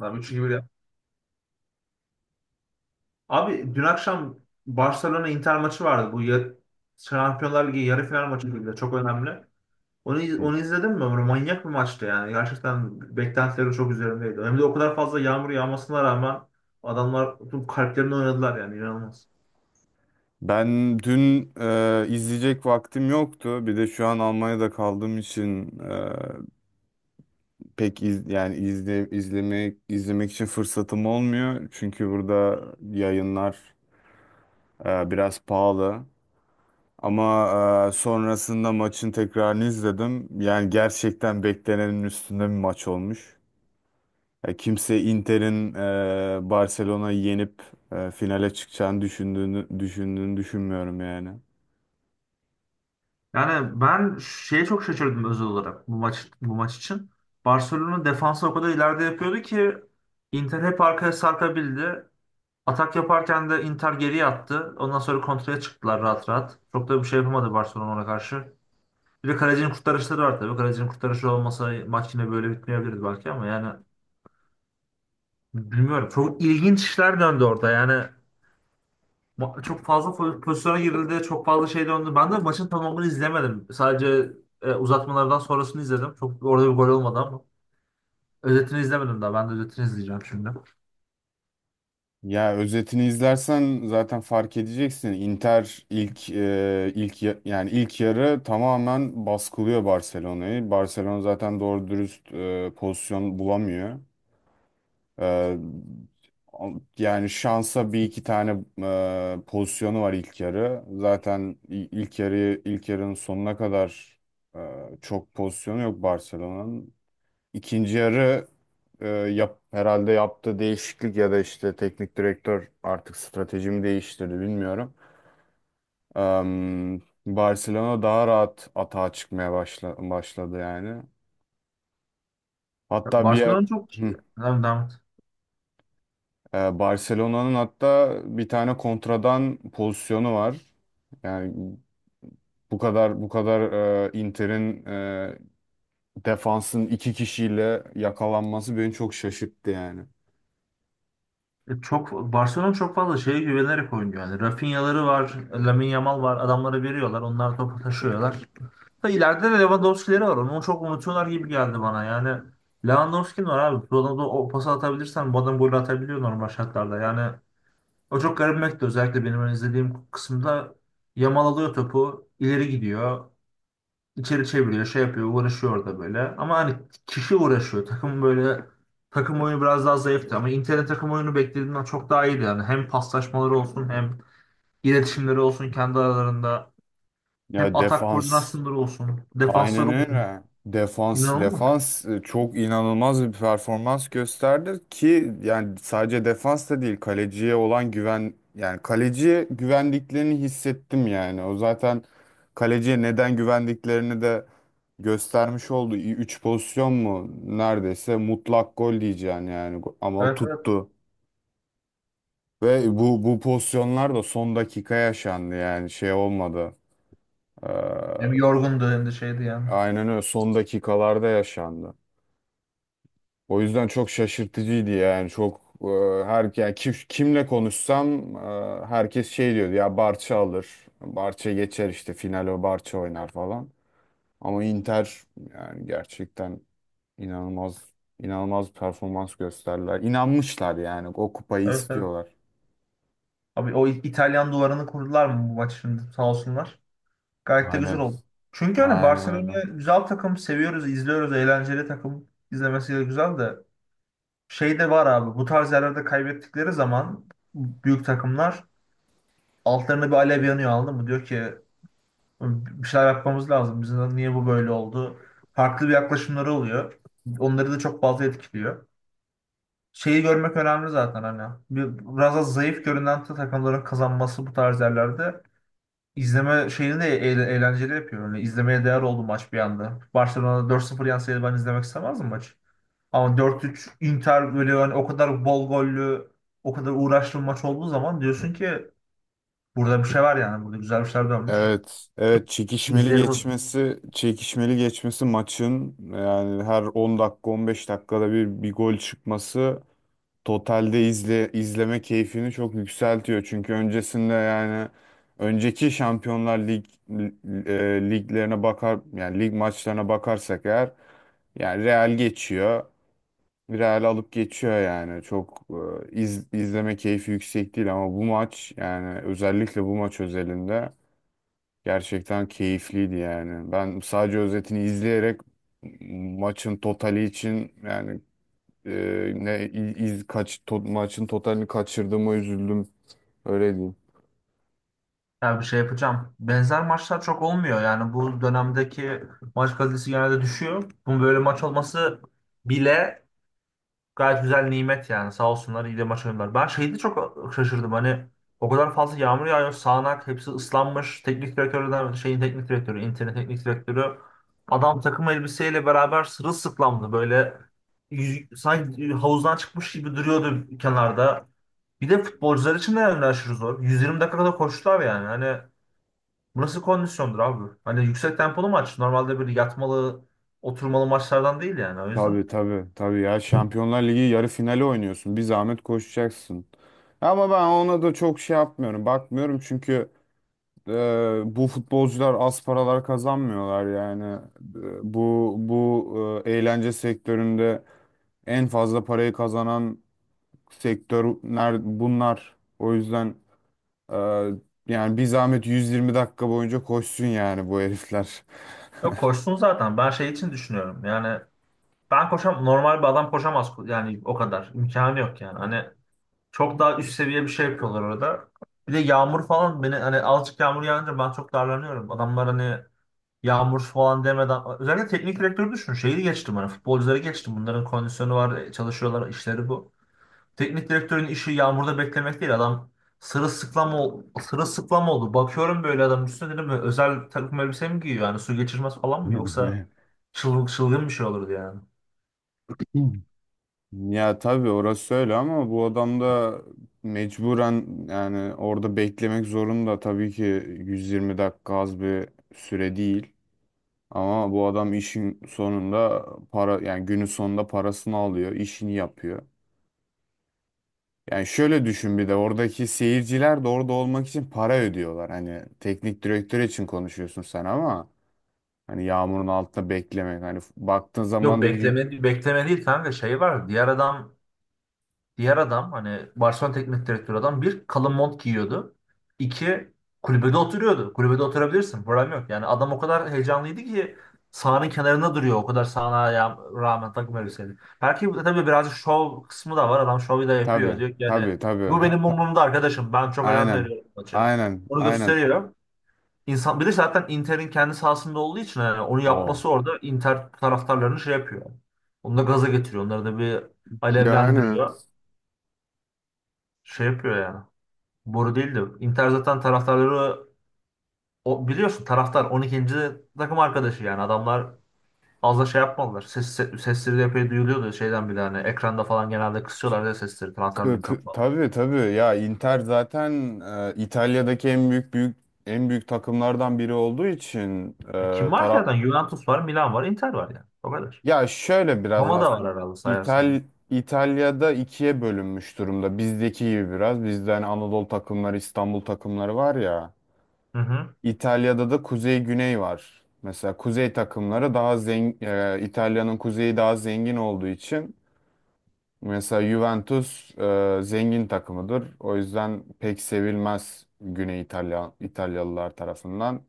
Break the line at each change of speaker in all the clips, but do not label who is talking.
Lan 3-2-1 ya. Abi dün akşam Barcelona Inter maçı vardı. Şampiyonlar Ligi yarı final maçı gibi de çok önemli. Onu, iz-
Hı.
onu izledin mi? Böyle manyak bir maçtı yani. Gerçekten beklentilerim çok üzerimdeydi. Hem de o kadar fazla yağmur yağmasına rağmen adamlar tüm kalplerini oynadılar yani inanılmaz.
Ben dün izleyecek vaktim yoktu. Bir de şu an Almanya'da kaldığım için pek izlemek için fırsatım olmuyor. Çünkü burada yayınlar biraz pahalı. Ama sonrasında maçın tekrarını izledim. Yani gerçekten beklenenin üstünde bir maç olmuş. Kimse Inter'in Barcelona'yı yenip finale çıkacağını düşündüğünü düşünmüyorum yani.
Yani ben şeye çok şaşırdım özel olarak bu maç için. Barcelona defansı o kadar ileride yapıyordu ki Inter hep arkaya sarkabildi. Atak yaparken de Inter geriye attı. Ondan sonra kontraya çıktılar rahat rahat. Çok da bir şey yapamadı Barcelona ona karşı. Bir de kalecinin kurtarışları var tabii. Kalecinin kurtarışı olmasa maç yine böyle bitmeyebilirdi belki ama yani bilmiyorum. Çok ilginç işler döndü orada. Yani çok fazla pozisyona girildi. Çok fazla şey döndü. Ben de maçın tamamını izlemedim. Sadece uzatmalardan sonrasını izledim. Çok orada bir gol olmadı ama. Özetini izlemedim daha. Ben de özetini izleyeceğim şimdi.
Ya özetini izlersen zaten fark edeceksin. Inter ilk e, ilk ya- yani ilk yarı tamamen baskılıyor Barcelona'yı. Barcelona zaten doğru dürüst pozisyon bulamıyor. E, Yani şansa bir iki tane pozisyonu var ilk yarı. Zaten ilk ilk yarının sonuna kadar e, çok pozisyonu yok Barcelona'nın. İkinci yarı herhalde yaptığı değişiklik ya da işte teknik direktör artık stratejimi değiştirdi bilmiyorum. Am, Barcelona daha rahat atağa çıkmaya başladı yani. Hatta bir
Barcelona çok.
Hı.
Devam, devam.
Barcelona'nın hatta bir tane kontradan pozisyonu var. Yani bu kadar Inter'in defansın iki kişiyle yakalanması beni çok şaşırttı yani.
E, Çok Barcelona çok fazla şeye güvenerek oynuyor. Yani Rafinha'ları var, Lamine Yamal var. Adamları veriyorlar. Onlar topu taşıyorlar. Da ileride de Lewandowski'leri var. Onu çok unutuyorlar gibi geldi bana. Yani Lewandowski'nin var abi. Bu adamda o pası atabilirsen bu adam gol atabiliyor normal şartlarda. Yani o çok garibimekti özellikle benim hani izlediğim kısımda Yamal alıyor topu, ileri gidiyor. İçeri çeviriyor, şey yapıyor, uğraşıyor orada böyle. Ama hani kişi uğraşıyor. Takım böyle takım oyunu biraz daha zayıftı ama Inter'de takım oyunu beklediğimden çok daha iyiydi yani. Hem paslaşmaları olsun, hem iletişimleri olsun kendi aralarında, hem
Ya
atak
defans
koordinasyonları olsun,
aynen
defansları olsun.
öyle.
İnanılmaz.
Defans çok inanılmaz bir performans gösterdi ki yani sadece defans da değil kaleciye olan güven yani kaleciye güvendiklerini hissettim yani. O zaten kaleciye neden güvendiklerini de göstermiş oldu. Üç pozisyon mu neredeyse mutlak gol diyeceğim yani ama
Evet evet.
tuttu. Ve bu pozisyonlar da son dakika yaşandı yani şey olmadı. Ee,
Hem yorgundu hem de şeydi yani.
aynen öyle son dakikalarda yaşandı. O yüzden çok şaşırtıcıydı yani çok her yani kimle konuşsam herkes şey diyordu ya Barça alır. Barça geçer işte final o Barça oynar falan. Ama Inter yani gerçekten inanılmaz inanılmaz bir performans gösterdiler. İnanmışlar yani o kupayı
Evet evet.
istiyorlar.
Abi o İtalyan duvarını kurdular mı bu maç şimdi sağ olsunlar. Gayet de güzel
Aynen.
oldu. Çünkü hani
Aynen öyle.
Barcelona güzel takım, seviyoruz, izliyoruz, eğlenceli takım. İzlemesi de güzel de. Şey de var abi bu tarz yerlerde kaybettikleri zaman büyük takımlar altlarında bir alev yanıyor anladın mı? Diyor ki bir şeyler yapmamız lazım. Bizim niye bu böyle oldu? Farklı bir yaklaşımları oluyor. Onları da çok fazla etkiliyor. Şeyi görmek önemli zaten hani. Biraz da zayıf görünen takımların kazanması bu tarz yerlerde izleme şeyini de eğlenceli yapıyor. Yani izlemeye değer oldu maç bir anda. Barcelona 4-0 yenseydi ben izlemek istemezdim maçı. Ama 4-3 Inter böyle yani o kadar bol gollü, o kadar uğraşlı bir maç olduğu zaman diyorsun ki burada bir şey var yani. Burada güzel bir şeyler dönmüş.
Evet, evet
İzleyelim o zaman.
çekişmeli geçmesi maçın yani her 10 dakika 15 dakikada bir gol çıkması totalde izleme keyfini çok yükseltiyor. Çünkü öncesinde yani önceki Şampiyonlar Lig liglerine bakar yani lig maçlarına bakarsak eğer yani Real geçiyor. Real alıp geçiyor yani. Çok izleme keyfi yüksek değil ama bu maç yani özellikle bu maç özelinde gerçekten keyifliydi yani. Ben sadece özetini izleyerek maçın totali için yani e, ne i- iz kaç to- maçın totalini kaçırdığıma üzüldüm. Öyle diyeyim.
Yani bir şey yapacağım. Benzer maçlar çok olmuyor. Yani bu dönemdeki maç kalitesi genelde düşüyor. Bunun böyle maç olması bile gayet güzel nimet yani. Sağ olsunlar iyi de maç oynadılar. Ben şeyde çok şaşırdım hani o kadar fazla yağmur yağıyor. Sağanak hepsi ıslanmış. Teknik direktörden şeyin teknik direktörü, internet teknik direktörü adam takım elbiseyle beraber sırılsıklamdı böyle sanki havuzdan çıkmış gibi duruyordu kenarda. Bir de futbolcular için de yani aşırı zor. 120 dakika kadar koştular yani. Hani bu nasıl kondisyondur abi? Hani yüksek tempolu maç. Normalde böyle yatmalı, oturmalı maçlardan değil yani o yüzden.
Tabii tabii ya Şampiyonlar Ligi yarı finali oynuyorsun. Bir zahmet koşacaksın. Ama ben ona da çok şey yapmıyorum. Bakmıyorum çünkü e, bu futbolcular az paralar kazanmıyorlar yani. Bu eğlence sektöründe en fazla parayı kazanan sektörler bunlar. O yüzden e, yani bir zahmet 120 dakika boyunca koşsun yani bu herifler.
Yok koşsun zaten. Ben şey için düşünüyorum. Yani ben koşam normal bir adam koşamaz yani o kadar. İmkanı yok yani. Hani çok daha üst seviye bir şey yapıyorlar orada. Bir de yağmur falan beni hani azıcık yağmur yağınca ben çok darlanıyorum. Adamlar hani yağmur falan demeden özellikle teknik direktörü düşün. Şeyi geçtim hani futbolcuları geçtim. Bunların kondisyonu var, çalışıyorlar, işleri bu. Teknik direktörün işi yağmurda beklemek değil. Adam sırılsıklam, sırılsıklam oldu. Bakıyorum böyle adam üstüne dedim böyle özel takım elbise mi giyiyor? Yani su geçirmez falan mı? Yoksa çılgın, çılgın bir şey olurdu yani.
Ya tabii orası öyle ama bu adam da mecburen yani orada beklemek zorunda tabii ki 120 dakika az bir süre değil. Ama bu adam işin sonunda para yani günün sonunda parasını alıyor, işini yapıyor. Yani şöyle düşün bir de oradaki seyirciler de orada olmak için para ödüyorlar. Hani teknik direktör için konuşuyorsun sen ama hani yağmurun altında beklemek hani baktığın
Yok
zaman da
bekleme, bekleme değil kanka şey var. Diğer adam hani Barcelona teknik direktörü adam bir kalın mont giyiyordu. İki kulübede oturuyordu. Kulübede oturabilirsin. Problem yok. Yani adam o kadar heyecanlıydı ki sahanın kenarında duruyor. O kadar sahana rağmen takım elbiseli. Belki bu da tabii birazcık şov kısmı da var. Adam şovu da
tabii
yapıyor. Diyor ki yani
tabii.
bu benim umurumda arkadaşım. Ben çok önem
Aynen.
veriyorum maça. Onu
Aynen.
gösteriyor. İnsan, bir de zaten Inter'in kendi sahasında olduğu için yani onu
O.
yapması orada Inter taraftarlarını şey yapıyor. Onu da gaza getiriyor. Onları da bir
Yani
alevlendiriyor şey yapıyor yani. Boru değil de Inter zaten taraftarları o, biliyorsun taraftar 12. takım arkadaşı yani adamlar az da şey yapmadılar. Sesleri de epey duyuluyordu şeyden bile hani ekranda falan genelde kısıyorlar da sesleri taraftarların çok fazla.
Tabii ya Inter zaten İtalya'daki en büyük büyük en büyük takımlardan biri olduğu için
E,
e,
kim var ki
tara
zaten? Juventus var, Milan var, Inter var yani. O kadar.
ya şöyle biraz
Roma da
aslında
var herhalde sayarsan.
İtal İtalya'da ikiye bölünmüş durumda. Bizdeki gibi biraz. Bizde hani Anadolu takımları, İstanbul takımları var ya.
Hı hı.
İtalya'da da kuzey güney var. Mesela kuzey takımları daha zengin. İtalya'nın kuzeyi daha zengin olduğu için mesela Juventus zengin takımıdır. O yüzden pek sevilmez Güney İtalya İtalyalılar tarafından.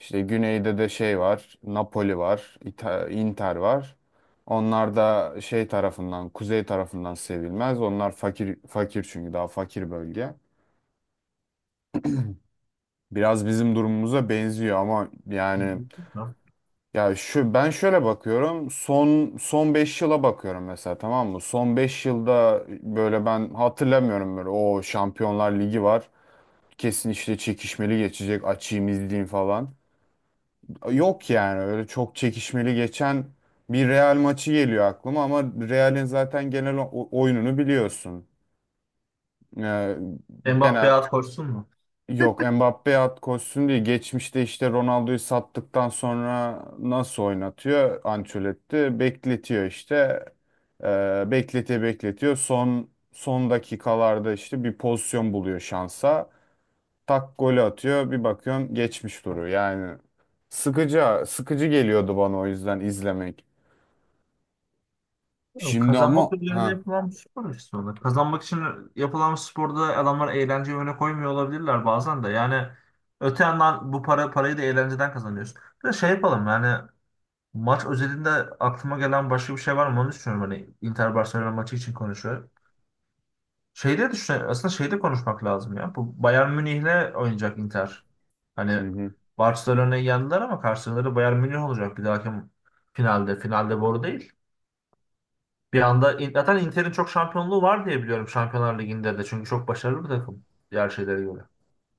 İşte güneyde de şey var, Napoli var, Inter var. Onlar da şey tarafından, kuzey tarafından sevilmez. Onlar fakir çünkü daha fakir bölge. Biraz bizim durumumuza benziyor ama
Hı
yani
hı.
ya şu ben şöyle bakıyorum. Son 5 yıla bakıyorum mesela tamam mı? Son 5 yılda böyle ben hatırlamıyorum böyle o Şampiyonlar Ligi var. Kesin işte çekişmeli geçecek. Açayım izleyeyim falan. Yok yani öyle çok çekişmeli geçen bir Real maçı geliyor aklıma ama Real'in zaten genel oyununu biliyorsun. Ee,
Mbappe
genel
at koşsun mu?
Yok Mbappe at koşsun diye geçmişte işte Ronaldo'yu sattıktan sonra nasıl oynatıyor Ancelotti bekletiyor işte. Bekletiyor son dakikalarda işte bir pozisyon buluyor şansa tak golü atıyor bir bakıyorum geçmiş duruyor yani sıkıcı geliyordu bana o yüzden izlemek
Yok,
şimdi
kazanmak
ama
üzerine
ha
yapılan bir spor aslında. Kazanmak için yapılan bir sporda adamlar eğlenceyi öne koymuyor olabilirler bazen de. Yani öte yandan bu parayı da eğlenceden kazanıyorsun. Bir de şey yapalım yani maç özelinde aklıma gelen başka bir şey var mı onu düşünüyorum. Hani Inter Barcelona maçı için konuşuyor. Şeyde düşünüyorum. Aslında şeyde konuşmak lazım ya. Bu Bayern Münih'le oynayacak Inter. Hani
hı hı.
Barcelona'yı yendiler ama karşıları Bayern Münih olacak bir dahaki finalde. Finalde boru değil. Bir anda zaten Inter'in çok şampiyonluğu var diye biliyorum Şampiyonlar Ligi'nde de. Çünkü çok başarılı bir takım. Diğer şeylere göre.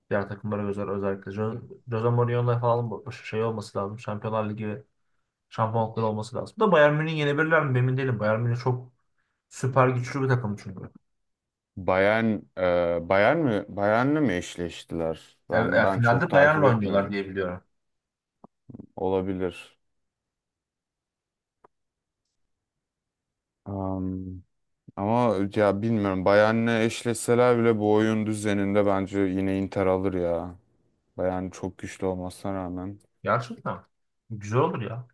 Diğer takımlara göre özellikle. Jose Mourinho'la falan şey olması lazım. Şampiyonlar Ligi şampiyonlukları olması lazım. Da Bayern Münih yenebilirler mi emin değilim. Bayern Münih çok süper güçlü bir takım çünkü.
Bayern Bayern mi Bayern'le mi eşleştiler
Ya, ya
ben çok
finalde
takip
Bayern'le oynuyorlar
etmiyorum
diye biliyorum.
olabilir. Am, Ama ya bilmiyorum. Bayern'le eşleşseler bile bu oyun düzeninde bence yine Inter alır ya. Bayern çok güçlü olmasına rağmen.
Gerçekten. Güzel olur ya.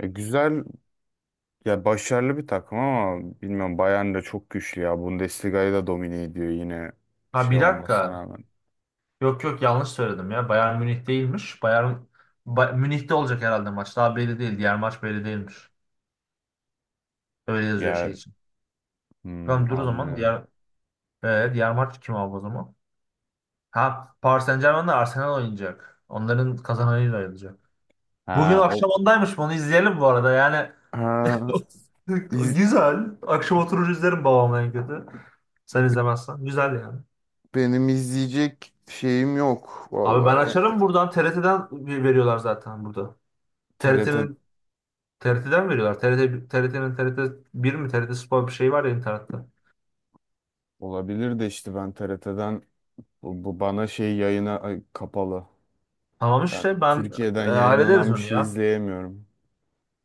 Güzel ya başarılı bir takım ama bilmiyorum Bayern de çok güçlü ya. Bundesliga'yı da domine ediyor yine
Ha
şey
bir
olmasına
dakika.
rağmen.
Yok yok yanlış söyledim ya. Bayern Münih değilmiş. Münih'te olacak herhalde maç. Daha belli değil. Diğer maç belli değilmiş. Öyle yazıyor şey
Yer
için.
hmm,
Tamam dur o zaman.
anlıyorum.
Diğer maç kim abi o zaman? Ha Paris Saint-Germain'le Arsenal oynayacak. Onların kazananıyla ayrılacak. Bugün
Ha o
akşam ondaymış. Bunu izleyelim bu arada. Yani
ha, iz-
güzel. Akşam oturur izlerim babamla en kötü. Sen izlemezsen. Güzel yani.
Benim izleyecek şeyim yok
Abi ben
vallahi.
açarım buradan. TRT'den veriyorlar zaten burada.
TRT
TRT'nin TRT'den veriyorlar. TRT, TRT bir mi TRT Spor bir şey var ya internette.
olabilir de işte ben TRT'den Bu, bu bana şey yayına ay, kapalı.
Tamam
Ben
işte ben
Türkiye'den
hallederiz
yayınlanan bir
onu
şey
ya.
izleyemiyorum.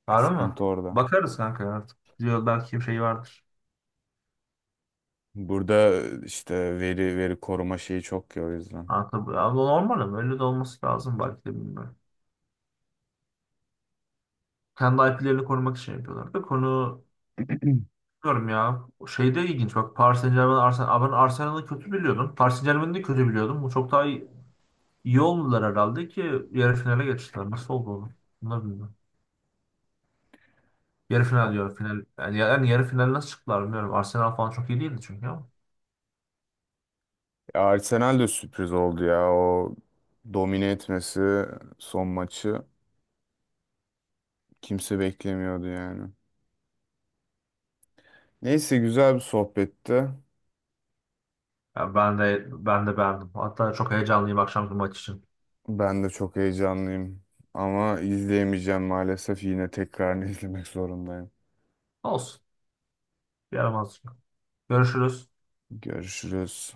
Var mı?
Sıkıntı orada.
Bakarız kanka artık. Diyor belki bir şey vardır.
Burada işte veri koruma şeyi çok ya o yüzden.
Kanka, abi normal ama öyle de olması lazım belki de bilmiyorum. Kendi IP'lerini korumak için yapıyorlar. Da konu bilmiyorum ya. Şey de ilginç bak Paris Saint-Germain, Arsenal. Ben Arsenal'ı kötü biliyordum. Paris Saint-Germain'i de kötü biliyordum. Bu çok daha iyi oldular herhalde ki yarı finale geçtiler. Nasıl oldu oğlum? Bunlar bilmiyorum. Yarı final
O-
diyor. Final, yani yarı final nasıl çıktılar bilmiyorum. Arsenal falan çok iyi değildi çünkü ama.
Ya Arsenal de sürpriz oldu ya. O domine etmesi son maçı kimse beklemiyordu yani. Neyse güzel bir sohbetti.
Ya ben de beğendim. Hatta çok heyecanlıyım akşamki maç için.
Ben de çok heyecanlıyım. Ama izleyemeyeceğim maalesef. Yine tekrar izlemek zorundayım.
Olsun. Yaramaz. Görüşürüz.
Görüşürüz.